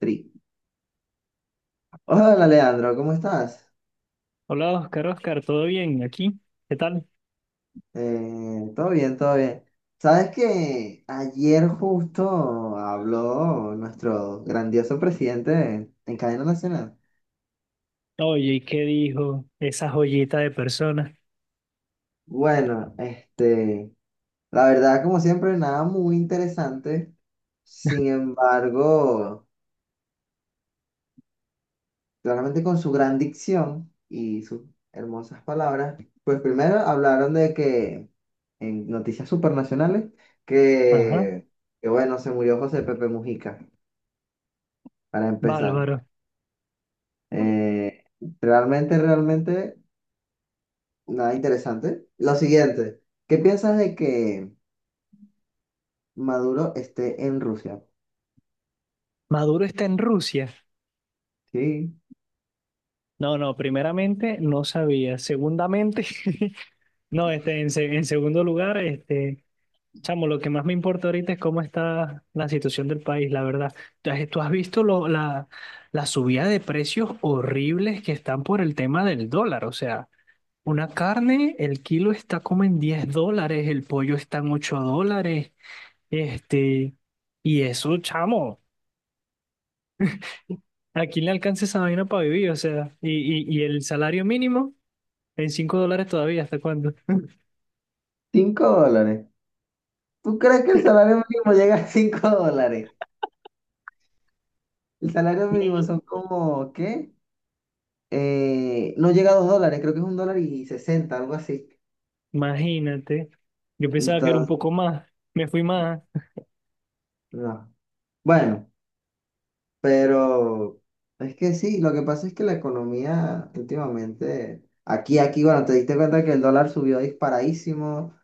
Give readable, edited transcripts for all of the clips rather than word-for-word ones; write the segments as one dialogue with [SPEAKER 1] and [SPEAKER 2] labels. [SPEAKER 1] Tri. Hola, Leandro, ¿cómo estás?
[SPEAKER 2] Hola Oscar, Oscar, ¿todo bien aquí? ¿Qué tal?
[SPEAKER 1] Todo bien, todo bien. ¿Sabes que ayer justo habló nuestro grandioso presidente en cadena nacional?
[SPEAKER 2] Oye, ¿y qué dijo esa joyita de persona?
[SPEAKER 1] Bueno, la verdad, como siempre, nada muy interesante. Sin embargo, claramente con su gran dicción y sus hermosas palabras, pues primero hablaron de que en noticias supernacionales,
[SPEAKER 2] Ajá,
[SPEAKER 1] que, que bueno, se murió José Pepe Mujica, para empezar.
[SPEAKER 2] bárbaro.
[SPEAKER 1] Eh, realmente, nada interesante. Lo siguiente, ¿qué piensas de que Maduro esté en Rusia?
[SPEAKER 2] ¿Maduro está en Rusia?
[SPEAKER 1] Sí,
[SPEAKER 2] No, no, primeramente no sabía. Segundamente, no, este, en segundo lugar, este, chamo, lo que más me importa ahorita es cómo está la situación del país, la verdad. ¿Tú has visto la subida de precios horribles que están por el tema del dólar? O sea. Una carne, el kilo está como en $10, el pollo está en $8, este, y eso, chamo, ¿a quién le alcanza esa vaina para vivir? O sea, y el salario mínimo en $5 todavía, ¿hasta cuándo?
[SPEAKER 1] cinco dólares. ¿Tú crees que el salario mínimo llega a 5 dólares? El salario mínimo son como, ¿qué? No llega a dos dólares, creo que es un dólar y sesenta, algo así.
[SPEAKER 2] Imagínate, yo pensaba que era un
[SPEAKER 1] Entonces,
[SPEAKER 2] poco más, me fui más.
[SPEAKER 1] no. Bueno, pero es que sí, lo que pasa es que la economía últimamente, aquí, bueno, te diste cuenta que el dólar subió disparadísimo.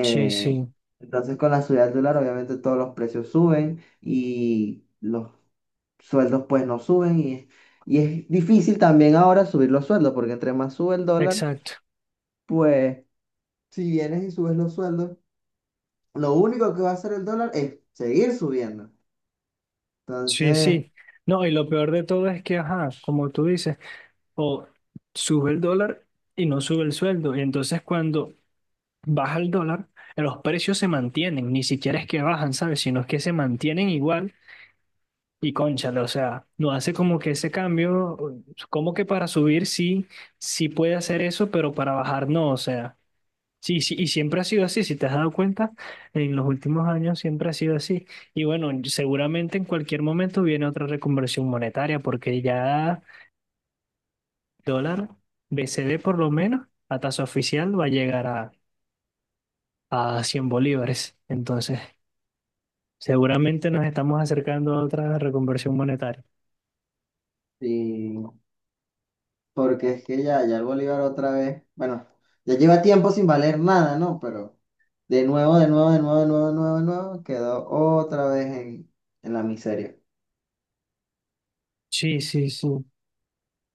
[SPEAKER 2] Sí, sí,
[SPEAKER 1] entonces, con la subida del dólar, obviamente todos los precios suben y los sueldos pues no suben y es difícil también ahora subir los sueldos porque entre más sube el dólar,
[SPEAKER 2] exacto.
[SPEAKER 1] pues si vienes y subes los sueldos lo único que va a hacer el dólar es seguir subiendo.
[SPEAKER 2] Sí,
[SPEAKER 1] Entonces,
[SPEAKER 2] sí. No, y lo peor de todo es que, ajá, como tú dices, o sube el dólar y no sube el sueldo. Y entonces cuando baja el dólar, los precios se mantienen, ni siquiera es que bajan, ¿sabes? Sino es que se mantienen igual y cónchale, o sea, no hace como que ese cambio, como que para subir sí, sí puede hacer eso, pero para bajar no, o sea, sí, sí, y siempre ha sido así, si te has dado cuenta, en los últimos años siempre ha sido así. Y bueno, seguramente en cualquier momento viene otra reconversión monetaria, porque ya dólar, BCD por lo menos, a tasa oficial va a llegar a 100 bolívares, entonces... Seguramente nos estamos acercando a otra reconversión monetaria.
[SPEAKER 1] sí, porque es que ya el bolívar otra vez, bueno, ya lleva tiempo sin valer nada, ¿no? Pero de nuevo, de nuevo, de nuevo, de nuevo, de nuevo, de nuevo, quedó otra vez en la miseria.
[SPEAKER 2] Sí, sí, sí.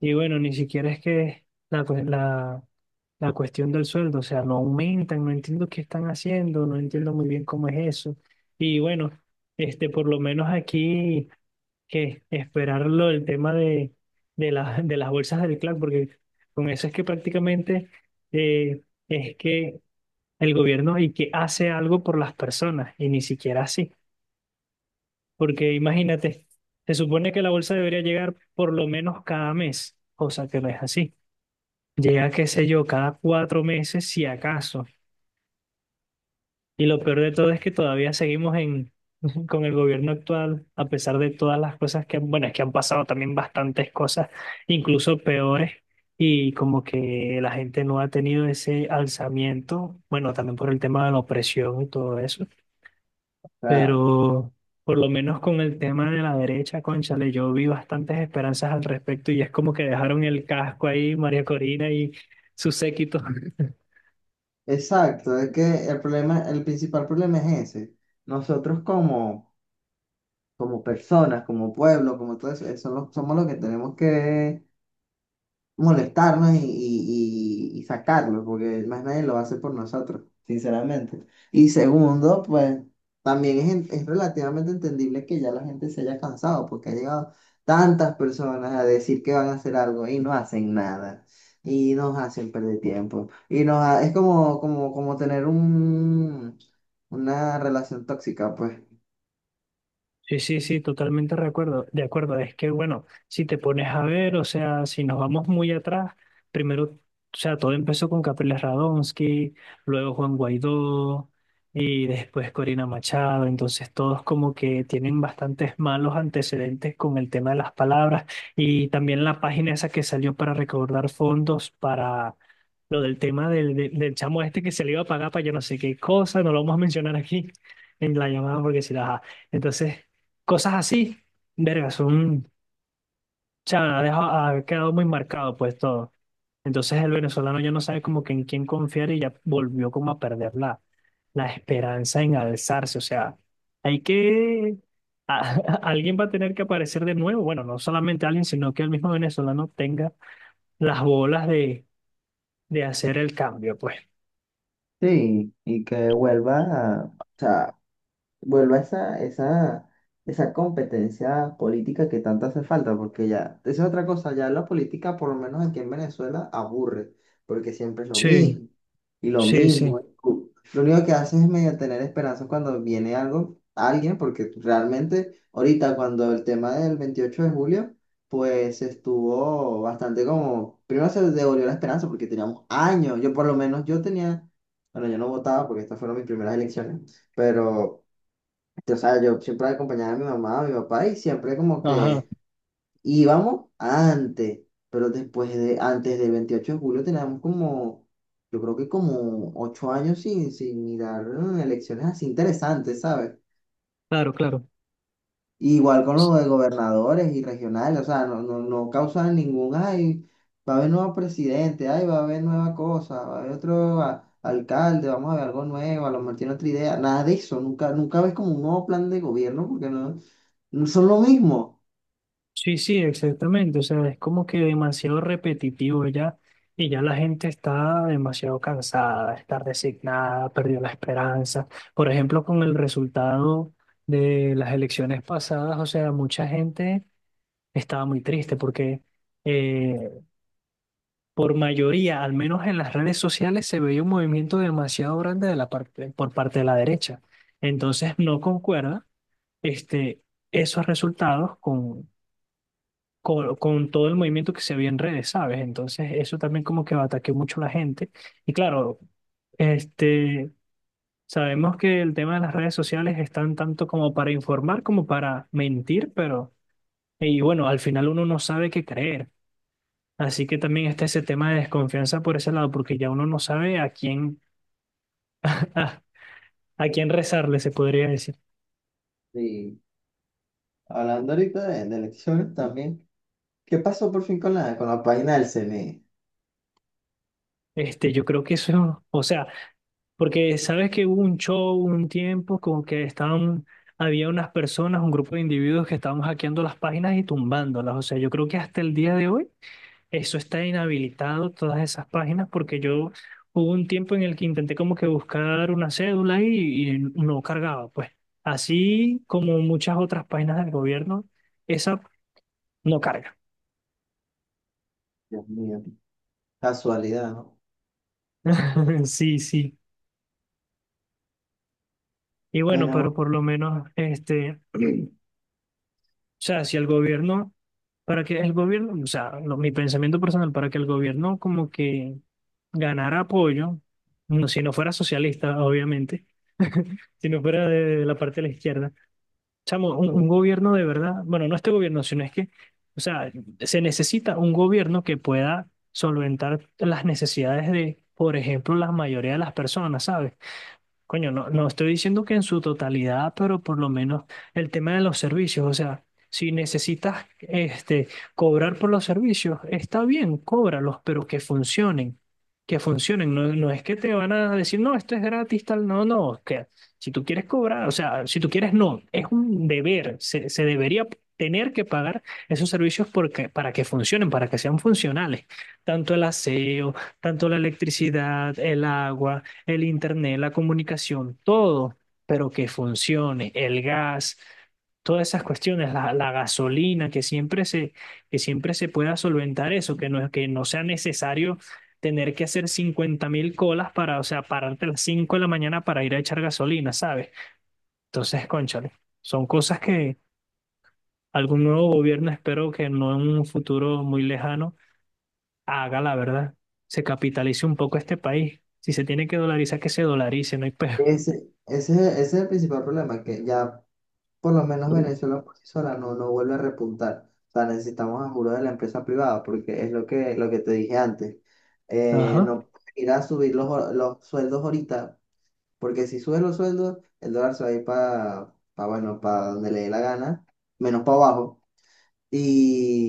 [SPEAKER 2] Y bueno, ni siquiera es que la, cue- la, la cuestión del sueldo, o sea, no aumentan, no entiendo qué están haciendo, no entiendo muy bien cómo es eso. Y bueno, este, por lo menos aquí que esperarlo el tema de las bolsas del CLAC, porque con eso es que prácticamente eh, es que el gobierno y que hace algo por las personas, y ni siquiera así. Porque imagínate, se supone que la bolsa debería llegar por lo menos cada mes, cosa que no es así. Llega, qué sé yo, cada 4 meses, si acaso. Y lo peor de todo es que todavía seguimos con el gobierno actual, a pesar de todas las cosas que, bueno, es que han pasado también bastantes cosas, incluso peores. Y como que la gente no ha tenido ese alzamiento, bueno, también por el tema de la opresión y todo eso,
[SPEAKER 1] O sea,
[SPEAKER 2] pero por lo menos con el tema de la derecha, cónchale, yo vi bastantes esperanzas al respecto y es como que dejaron el casco ahí, María Corina y su séquito.
[SPEAKER 1] exacto, es que el problema, el principal problema es ese. Nosotros como personas, como pueblo, como todo eso, eso lo- somos los que tenemos que molestarnos y sacarlo, porque más nadie lo hace por nosotros, sinceramente. Y segundo, pues también es, en- es relativamente entendible que ya la gente se haya cansado, porque ha llegado tantas personas a decir que van a hacer algo y no hacen nada. Y nos hacen perder tiempo. Y nos ha- es como tener una relación tóxica, pues.
[SPEAKER 2] Sí, sí, sí, totalmente de acuerdo. De acuerdo, es que bueno, si te pones a ver, o sea, si nos vamos muy atrás, primero, o sea, todo empezó con Capriles Radonsky, luego Juan Guaidó y después Corina Machado, entonces todos como que tienen bastantes malos antecedentes con el tema de las palabras y también la página esa que salió para recaudar fondos para lo del tema del chamo este que se le iba a pagar para yo no sé qué cosa, no lo vamos a mencionar aquí en la llamada porque si la... Entonces... Cosas así, verga, son, o sea, ha, dejado- ha quedado muy marcado pues todo. Entonces el venezolano ya no sabe como que en quién confiar y ya volvió como a perder la, la esperanza en alzarse. O sea, hay que, a- alguien va a tener que aparecer de nuevo. Bueno, no solamente alguien, sino que el mismo venezolano tenga las bolas de hacer el cambio, pues.
[SPEAKER 1] Sí, y que vuelva, o sea, vuelva esa, esa, esa competencia política que tanto hace falta, porque ya, esa es otra cosa, ya la política, por lo menos aquí en Venezuela, aburre, porque siempre es lo
[SPEAKER 2] Sí,
[SPEAKER 1] mismo, y lo
[SPEAKER 2] sí, sí.
[SPEAKER 1] mismo. Y cu- lo único que hacen es medio tener esperanza cuando viene algo, alguien, porque realmente ahorita cuando el tema del 28 de julio, pues estuvo bastante como, primero se devolvió la esperanza porque teníamos años, yo por lo menos yo tenía, bueno, yo no votaba porque estas fueron mis primeras elecciones, pero... O sea, yo siempre acompañaba a mi mamá, a mi papá y siempre como
[SPEAKER 2] Ajá,
[SPEAKER 1] que íbamos antes, pero antes del 28 de julio teníamos como, yo creo que como 8 años sin mirar elecciones así interesantes, ¿sabes?
[SPEAKER 2] claro, claro.
[SPEAKER 1] Igual con los de gobernadores y regionales, o sea, no causan ningún, ay, va a haber nuevo presidente, ay, va a haber nueva cosa, va a haber otro a- alcalde, vamos a ver algo nuevo, a lo mejor tiene otra idea, nada de eso, nunca ves como un nuevo plan de gobierno porque no. No son lo mismo.
[SPEAKER 2] Sí, sí, exactamente. O sea, es como que demasiado repetitivo ya y ya la gente está demasiado cansada, está resignada, perdió la esperanza. Por ejemplo, con el resultado de las elecciones pasadas, o sea, mucha gente estaba muy triste porque eh, por mayoría, al menos en las redes sociales, se veía un movimiento demasiado grande de la parte, por parte de la derecha. Entonces, no concuerda este, esos resultados con con todo el movimiento que se vio en redes, ¿sabes? Entonces, eso también como que ataqueó mucho a la gente. Y claro, este, sabemos que el tema de las redes sociales están tanto como para informar como para mentir, pero, y bueno, al final uno no sabe qué creer. Así que también está ese tema de desconfianza por ese lado, porque ya uno no sabe a quién, a, a quién rezarle, se podría decir.
[SPEAKER 1] Y hablando ahorita de elecciones también. ¿Qué pasó por fin con con la página del CNE?
[SPEAKER 2] Yo creo que eso, o sea, porque sabes que hubo un show un tiempo como que estaban, había unas personas, un grupo de individuos que estaban hackeando las páginas y tumbándolas. O sea, yo creo que hasta el día de hoy eso está inhabilitado, todas esas páginas, porque yo hubo un tiempo en el que intenté como que buscar una cédula y no cargaba. Pues así como muchas otras páginas del gobierno, esa no carga.
[SPEAKER 1] Dios mío, casualidad, ¿no?
[SPEAKER 2] Sí, sí. Y bueno,
[SPEAKER 1] Pero
[SPEAKER 2] pero por lo menos este... O sea, si el gobierno, para que el gobierno, o sea, mi pensamiento personal, para que el gobierno como que ganara apoyo, no, si no fuera socialista, obviamente, si no fuera de la parte de la izquierda, chamo, un gobierno de verdad, bueno, no este gobierno, sino es que, o sea, se necesita un gobierno que pueda solventar las necesidades de, por ejemplo, la mayoría de las personas, ¿sabes? Coño, no, no estoy diciendo que en su totalidad, pero por lo menos el tema de los servicios, o sea, si necesitas este, cobrar por los servicios, está bien, cóbralos, pero que funcionen, no, no es que te van a decir, no, esto es gratis, tal, no, no, que si tú quieres cobrar, o sea, si tú quieres, no, es un deber, se debería tener que pagar esos servicios porque, para que funcionen, para que sean funcionales, tanto el aseo, tanto la electricidad, el agua, el internet, la comunicación, todo, pero que funcione, el gas, todas esas cuestiones, la gasolina, que siempre se pueda solventar eso, que no sea necesario tener que hacer 50.000 colas para, o sea, pararte a las 5 de la mañana para ir a echar gasolina, ¿sabes? Entonces, cónchale, son cosas que algún nuevo gobierno, espero que no en un futuro muy lejano, haga la verdad, se capitalice un poco este país. Si se tiene que dolarizar, que se dolarice, no hay peor.
[SPEAKER 1] ese es el principal problema, que ya por lo menos Venezuela por sí sola no, no vuelve a repuntar. O sea, necesitamos ayuda de la empresa privada, porque es lo que te dije antes.
[SPEAKER 2] Ajá.
[SPEAKER 1] No ir a subir los, hor- los sueldos ahorita, porque si subes los sueldos, el dólar se va a ir para, bueno, para donde le dé la gana, menos para abajo.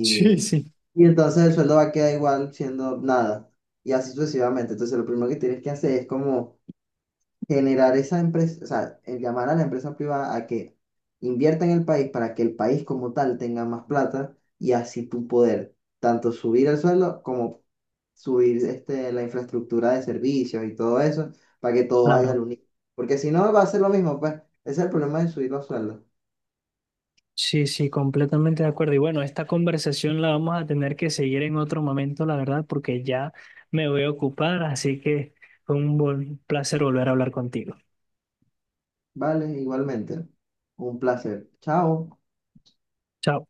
[SPEAKER 2] Sí, sí.
[SPEAKER 1] y entonces el sueldo va a quedar igual siendo nada. Y así sucesivamente. Entonces lo primero que tienes que hacer es como generar esa empresa, o sea, el llamar a la empresa privada a que invierta en el país para que el país como tal tenga más plata y así tú poder tanto subir el sueldo como subir este, la infraestructura de servicios y todo eso para que todo vaya al
[SPEAKER 2] Claro,
[SPEAKER 1] unísono. Porque si no va a ser lo mismo, pues. Ese es el problema de subir los sueldos.
[SPEAKER 2] sí, sí, completamente de acuerdo. Y bueno, esta conversación la vamos a tener que seguir en otro momento, la verdad, porque ya me voy a ocupar, así que fue un buen placer volver a hablar contigo.
[SPEAKER 1] Vale, igualmente. Un placer. Chao.
[SPEAKER 2] Chao.